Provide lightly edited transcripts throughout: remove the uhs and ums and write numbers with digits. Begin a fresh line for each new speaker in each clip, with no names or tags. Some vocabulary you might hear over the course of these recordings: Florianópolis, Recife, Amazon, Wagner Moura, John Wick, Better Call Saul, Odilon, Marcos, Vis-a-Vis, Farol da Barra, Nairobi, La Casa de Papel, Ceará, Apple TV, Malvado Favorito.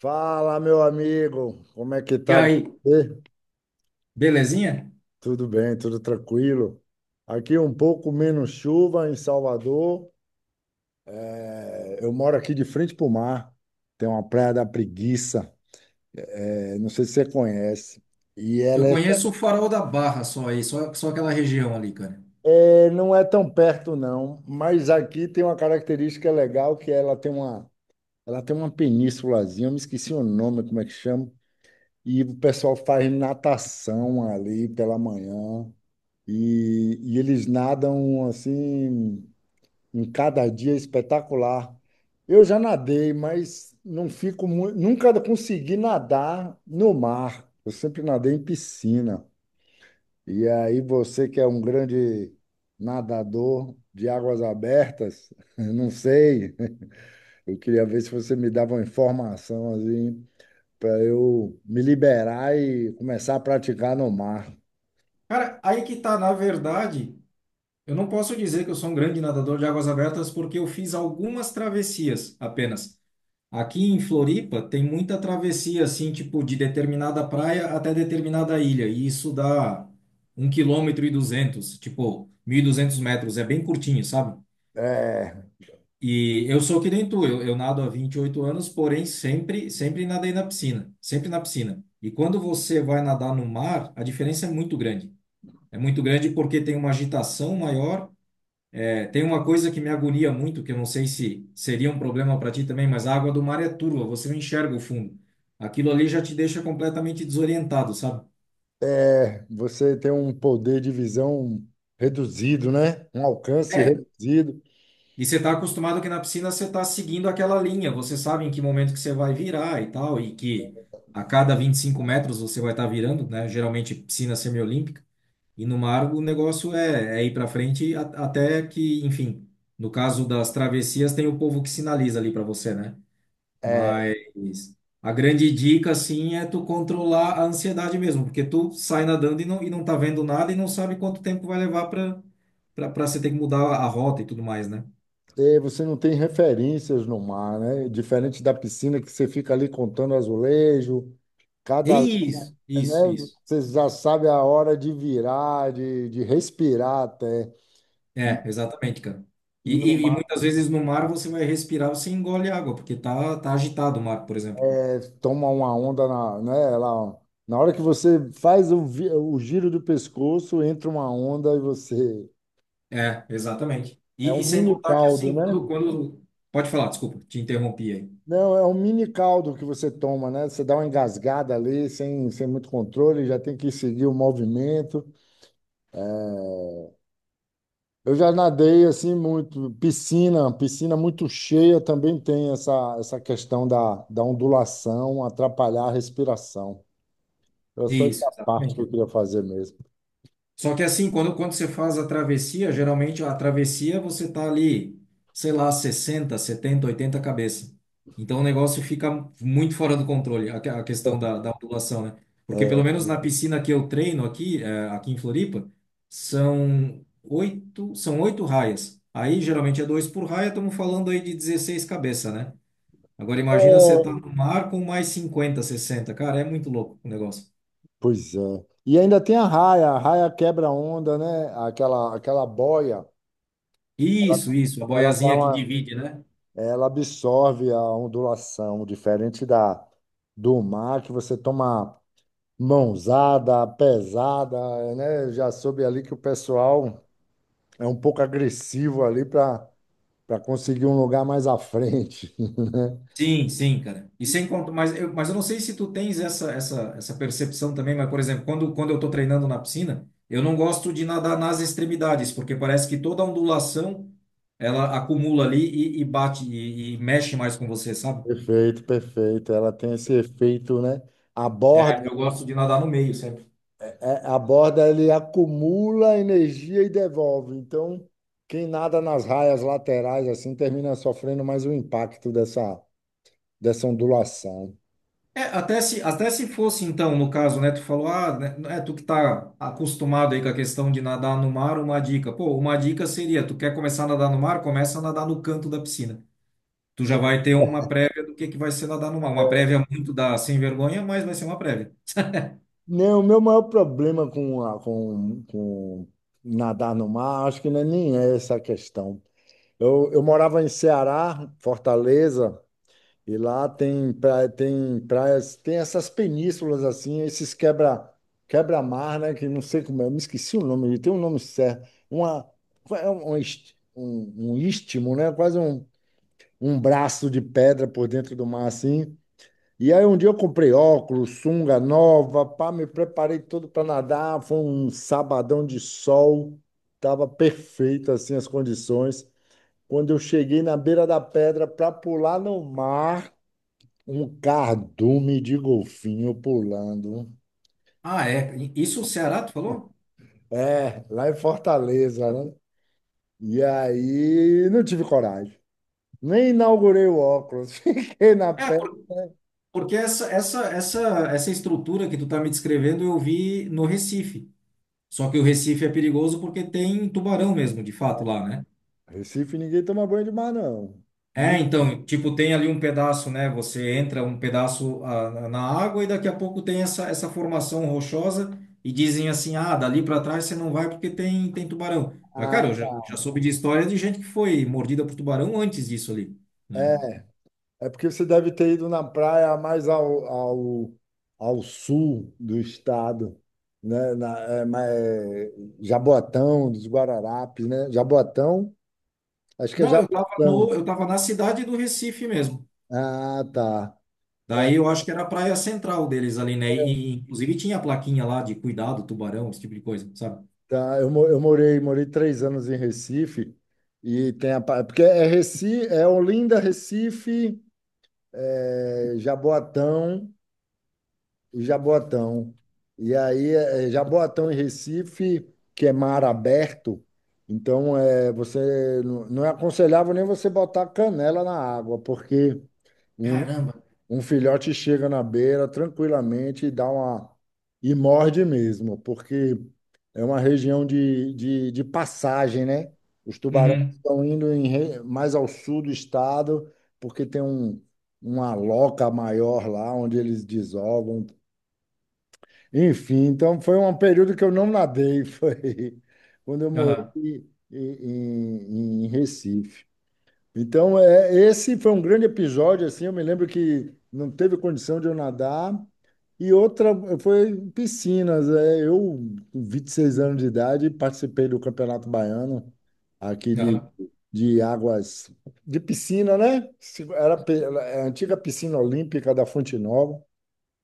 Fala, meu amigo, como é que
E
tá
aí,
você?
belezinha?
Tudo bem, tudo tranquilo? Aqui um pouco menos chuva em Salvador. É, eu moro aqui de frente para o mar. Tem uma praia da Preguiça, não sei se você conhece. E
Eu
ela é,
conheço o Farol da Barra só aí, só aquela região ali, cara.
é, não é tão perto não, mas aqui tem uma característica legal que ela tem uma penínsulazinha. Eu me esqueci o nome, como é que chama? E o pessoal faz natação ali pela manhã. E eles nadam assim, em cada dia espetacular. Eu já nadei, mas não fico muito, nunca consegui nadar no mar. Eu sempre nadei em piscina. E aí você que é um grande nadador de águas abertas, eu não sei. Eu queria ver se você me dava uma informação assim para eu me liberar e começar a praticar no mar.
Cara, aí que tá, na verdade, eu não posso dizer que eu sou um grande nadador de águas abertas porque eu fiz algumas travessias apenas. Aqui em Floripa tem muita travessia, assim, tipo, de determinada praia até determinada ilha, e isso dá um quilômetro e duzentos, tipo, 1.200 metros, é bem curtinho, sabe?
É.
E eu sou que nem tu, eu nado há 28 anos, porém sempre nadei na piscina, sempre na piscina. E quando você vai nadar no mar, a diferença é muito grande. É muito grande porque tem uma agitação maior. É, tem uma coisa que me agonia muito, que eu não sei se seria um problema para ti também, mas a água do mar é turva, você não enxerga o fundo. Aquilo ali já te deixa completamente desorientado, sabe?
É, você tem um poder de visão reduzido, né? Um alcance
É.
reduzido.
E você está acostumado que na piscina você está seguindo aquela linha, você sabe em que momento que você vai virar e tal, e que a cada 25 metros você vai estar virando, né? Geralmente piscina semiolímpica. E no mar o negócio é, é ir para frente até que, enfim, no caso das travessias tem o povo que sinaliza ali para você, né?
É,
Mas a grande dica, assim, é tu controlar a ansiedade mesmo, porque tu sai nadando e não tá vendo nada e não sabe quanto tempo vai levar para você ter que mudar a rota e tudo mais, né?
e você não tem referências no mar, né? Diferente da piscina, que você fica ali contando azulejo, cada,
Isso,
né?
isso, isso.
Você já sabe a hora de virar, de respirar até. E,
É, exatamente, cara. E,
e no
e
mar,
muitas vezes no mar você vai respirar, você engole água, porque tá agitado o mar, por exemplo.
toma uma onda na, né? Ela, na hora que você faz o giro do pescoço, entra uma onda e você.
É, exatamente.
É
E
um
sem
mini
contar que
caldo,
assim,
né?
quando... Pode falar, desculpa, te interrompi aí.
Não, é um mini caldo que você toma, né? Você dá uma engasgada ali, sem muito controle, já tem que seguir o movimento. Eu já nadei assim muito, piscina, piscina muito cheia também tem essa, essa questão da ondulação, atrapalhar a respiração. Era só
Isso,
essa parte que eu
exatamente.
queria fazer mesmo.
Só que assim, quando você faz a travessia, geralmente a travessia você tá ali, sei lá, 60, 70, 80 cabeça. Então o negócio fica muito fora do controle, a questão da ondulação, né?
É,
Porque
é,
pelo menos na piscina que eu treino aqui, aqui em Floripa, são oito raias. Aí geralmente é dois por raia, estamos falando aí de 16 cabeça, né? Agora imagina você tá no mar com mais 50, 60. Cara, é muito louco o negócio.
pois é. E ainda tem a raia quebra-onda, né? Aquela boia,
Isso, a
ela dá
boiazinha que
uma,
divide, né?
ela absorve a ondulação, diferente da do mar, que você toma mãozada, pesada, né? Já soube ali que o pessoal é um pouco agressivo ali para conseguir um lugar mais à frente, né?
Sim, sim, cara. E sem conta, mas eu não sei se tu tens essa percepção também, mas, por exemplo, quando eu estou treinando na piscina, eu não gosto de nadar nas extremidades, porque parece que toda ondulação ela acumula ali e bate e mexe mais com você, sabe?
Perfeito, perfeito. Ela tem esse efeito, né? A borda,
É, eu gosto de nadar no meio sempre.
a borda ele acumula energia e devolve. Então, quem nada nas raias laterais assim termina sofrendo mais o impacto dessa ondulação.
É, até se fosse, então, no caso, né, tu falou, ah, né, é tu que tá acostumado aí com a questão de nadar no mar, uma dica. Pô, uma dica seria, tu quer começar a nadar no mar, começa a nadar no canto da piscina. Tu já vai ter uma prévia do que vai ser nadar no mar. Uma prévia muito da sem vergonha, mas vai ser uma prévia.
Não, o meu maior problema com nadar no mar, acho que não é nem essa a questão. Eu morava em Ceará, Fortaleza, e lá tem praias, tem essas penínsulas assim, esses quebra-mar, né? Que não sei como é, eu me esqueci o nome, tem um nome certo. É um istmo, né? Quase um braço de pedra por dentro do mar, assim. E aí um dia eu comprei óculos, sunga nova, pá, me preparei todo para nadar, foi um sabadão de sol, tava perfeito assim as condições. Quando eu cheguei na beira da pedra para pular no mar, um cardume de golfinho pulando.
Ah, é. Isso o Ceará, tu falou?
É, lá em Fortaleza, né? E aí não tive coragem. Nem inaugurei o óculos, fiquei na
É,
pedra.
porque essa estrutura que tu tá me descrevendo eu vi no Recife. Só que o Recife é perigoso porque tem tubarão mesmo, de fato, lá, né?
Recife ninguém toma banho de mar, não. Me
É, então, tipo, tem ali um pedaço, né? Você entra um pedaço ah, na água e daqui a pouco tem essa, essa formação rochosa e dizem assim, ah, dali para trás você não vai porque tem tubarão. Mas, cara, já
mata.
soube de história de gente que foi mordida por tubarão antes disso ali,
É.
né?
É porque você deve ter ido na praia mais ao sul do estado, né? Na, é, ma- é, Jaboatão, dos Guararapes, né? Jaboatão, acho que é
Não, eu tava
Jaboatão.
no, eu tava na cidade do Recife mesmo.
Ah, tá. É,
Daí eu acho que era a praia central deles ali, né? E, inclusive tinha a plaquinha lá de cuidado, tubarão, esse tipo de coisa, sabe?
tá. Eu morei 3 anos em Recife, e tem porque é Recife, é Olinda, Recife, é, Jaboatão. O Jaboatão. E aí, Jaboatão e Recife, que é mar aberto, então você não é aconselhável nem você botar canela na água, porque um,
Caramba.
um filhote chega na beira tranquilamente e dá uma e morde mesmo, porque é uma região de passagem, né? Os tubarões
Uhum.
estão indo mais ao sul do estado, porque tem uma loca maior lá onde eles desovam. Enfim, então foi um período que eu não nadei, foi quando eu morei
Aham.
em Recife. Então, esse foi um grande episódio, assim, eu me lembro que não teve condição de eu nadar. E outra foi em piscinas. Eu, com 26 anos de idade, participei do Campeonato Baiano, aqui de,
Aham.
de águas, de piscina, né? Era a antiga piscina olímpica da Fonte Nova.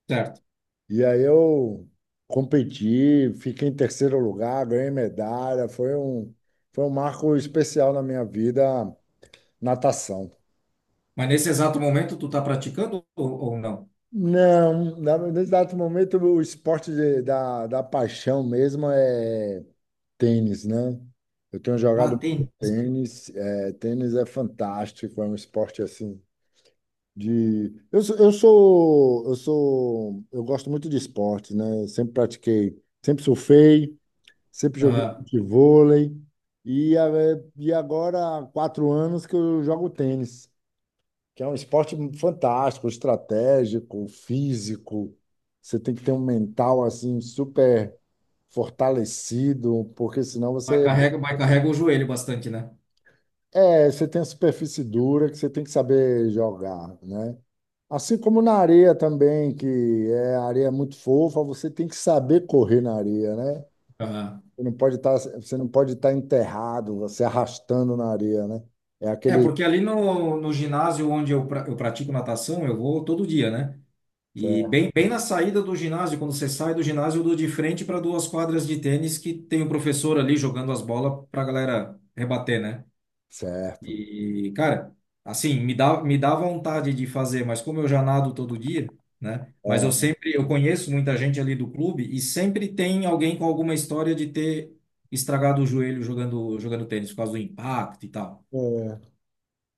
Certo.
E aí eu competi, fiquei em terceiro lugar, ganhei medalha. Foi um marco especial na minha vida, natação.
Mas nesse exato momento tu tá praticando ou não?
Não, no exato momento o esporte da paixão mesmo é tênis, né? Eu tenho jogado
Ah,
muito
tênis.
tênis, tênis é fantástico, é um esporte assim de. Eu gosto muito de esporte, né? Eu sempre pratiquei, sempre surfei, sempre joguei
Aham.
futevôlei e, a- e agora há 4 anos que eu jogo tênis, que é um esporte fantástico, estratégico, físico. Você tem que ter um mental assim super fortalecido, porque senão você
Mas carrega o joelho bastante, né?
você tem a superfície dura que você tem que saber jogar, né? Assim como na areia também, que é a areia é muito fofa, você tem que saber correr na areia, né?
Aham.
Você não pode estar, você não pode estar enterrado, você arrastando na areia, né? É
É,
aquele.
porque ali no ginásio onde eu, eu pratico natação, eu vou todo dia, né? E
Certo.
bem na saída do ginásio, quando você sai do ginásio, eu dou de frente para duas quadras de tênis que tem o professor ali jogando as bolas para a galera rebater, né?
Certo.
E, cara, assim, me dá vontade de fazer, mas como eu já nado todo dia, né? Mas eu
É.
sempre, eu conheço muita gente ali do clube e sempre tem alguém com alguma história de ter estragado o joelho jogando tênis por causa do impacto e tal.
É.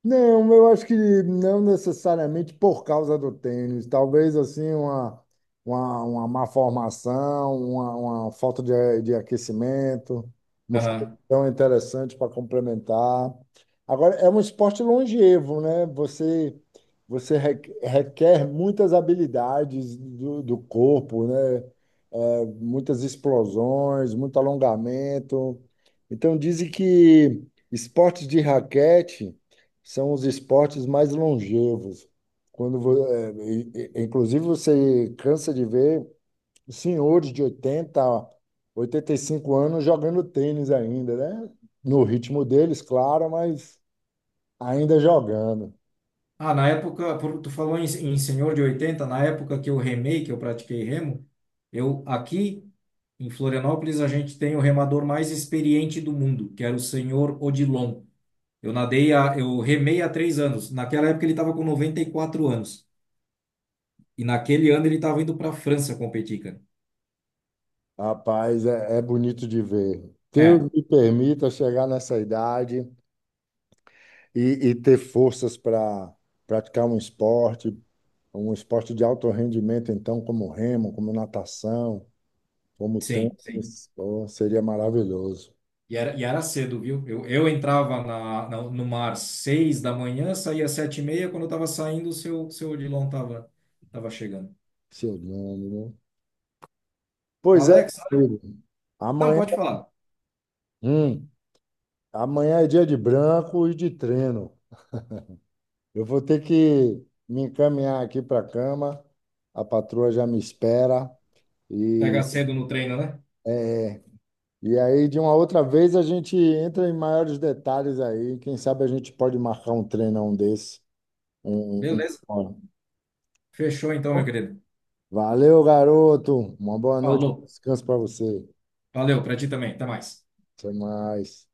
Não, eu acho que não necessariamente por causa do tênis. Talvez assim uma, uma má formação, uma falta de aquecimento,
Aham.
musculação interessante para complementar. Agora, é um esporte longevo, né? Você requer muitas habilidades do corpo, né? É, muitas explosões, muito alongamento. Então, dizem que esportes de raquete são os esportes mais longevos. Quando, vo- é, e- inclusive, você cansa de ver senhores de 80, 85 anos jogando tênis ainda, né? No ritmo deles, claro, mas ainda jogando.
Ah, na época, tu falou em, em senhor de 80 na época que eu remei, que eu pratiquei remo, eu aqui em Florianópolis a gente tem o remador mais experiente do mundo, que era o senhor Odilon. Eu nadei, a, eu remei há 3 anos. Naquela época ele estava com 94 anos. E naquele ano ele estava indo para a França competir, cara.
Rapaz, é, é bonito de ver. Deus
É,
me permita chegar nessa idade e, e ter forças para praticar um esporte de alto rendimento, então, como remo, como natação. Como
sim,
tempo,
sim.
mas seria maravilhoso.
E era cedo, viu? Eu entrava na, no mar 6 da manhã, saía 7:30. Quando eu estava saindo, o seu Odilon estava tava chegando.
Seu nome, né? Pois é,
Alex,
amigo.
não,
Amanhã,
pode falar.
hum, amanhã é dia de branco e de treino. Eu vou ter que me encaminhar aqui para a cama. A patroa já me espera. E,
Pega cedo no treino, né?
é, e aí, de uma outra vez, a gente entra em maiores detalhes aí. Quem sabe a gente pode marcar um treinão desse. Um,
Beleza.
um- um-
Fechou então, meu querido.
Valeu, garoto. Uma boa noite.
Falou.
Descanso para você.
Valeu, para ti também. Até mais.
Até mais.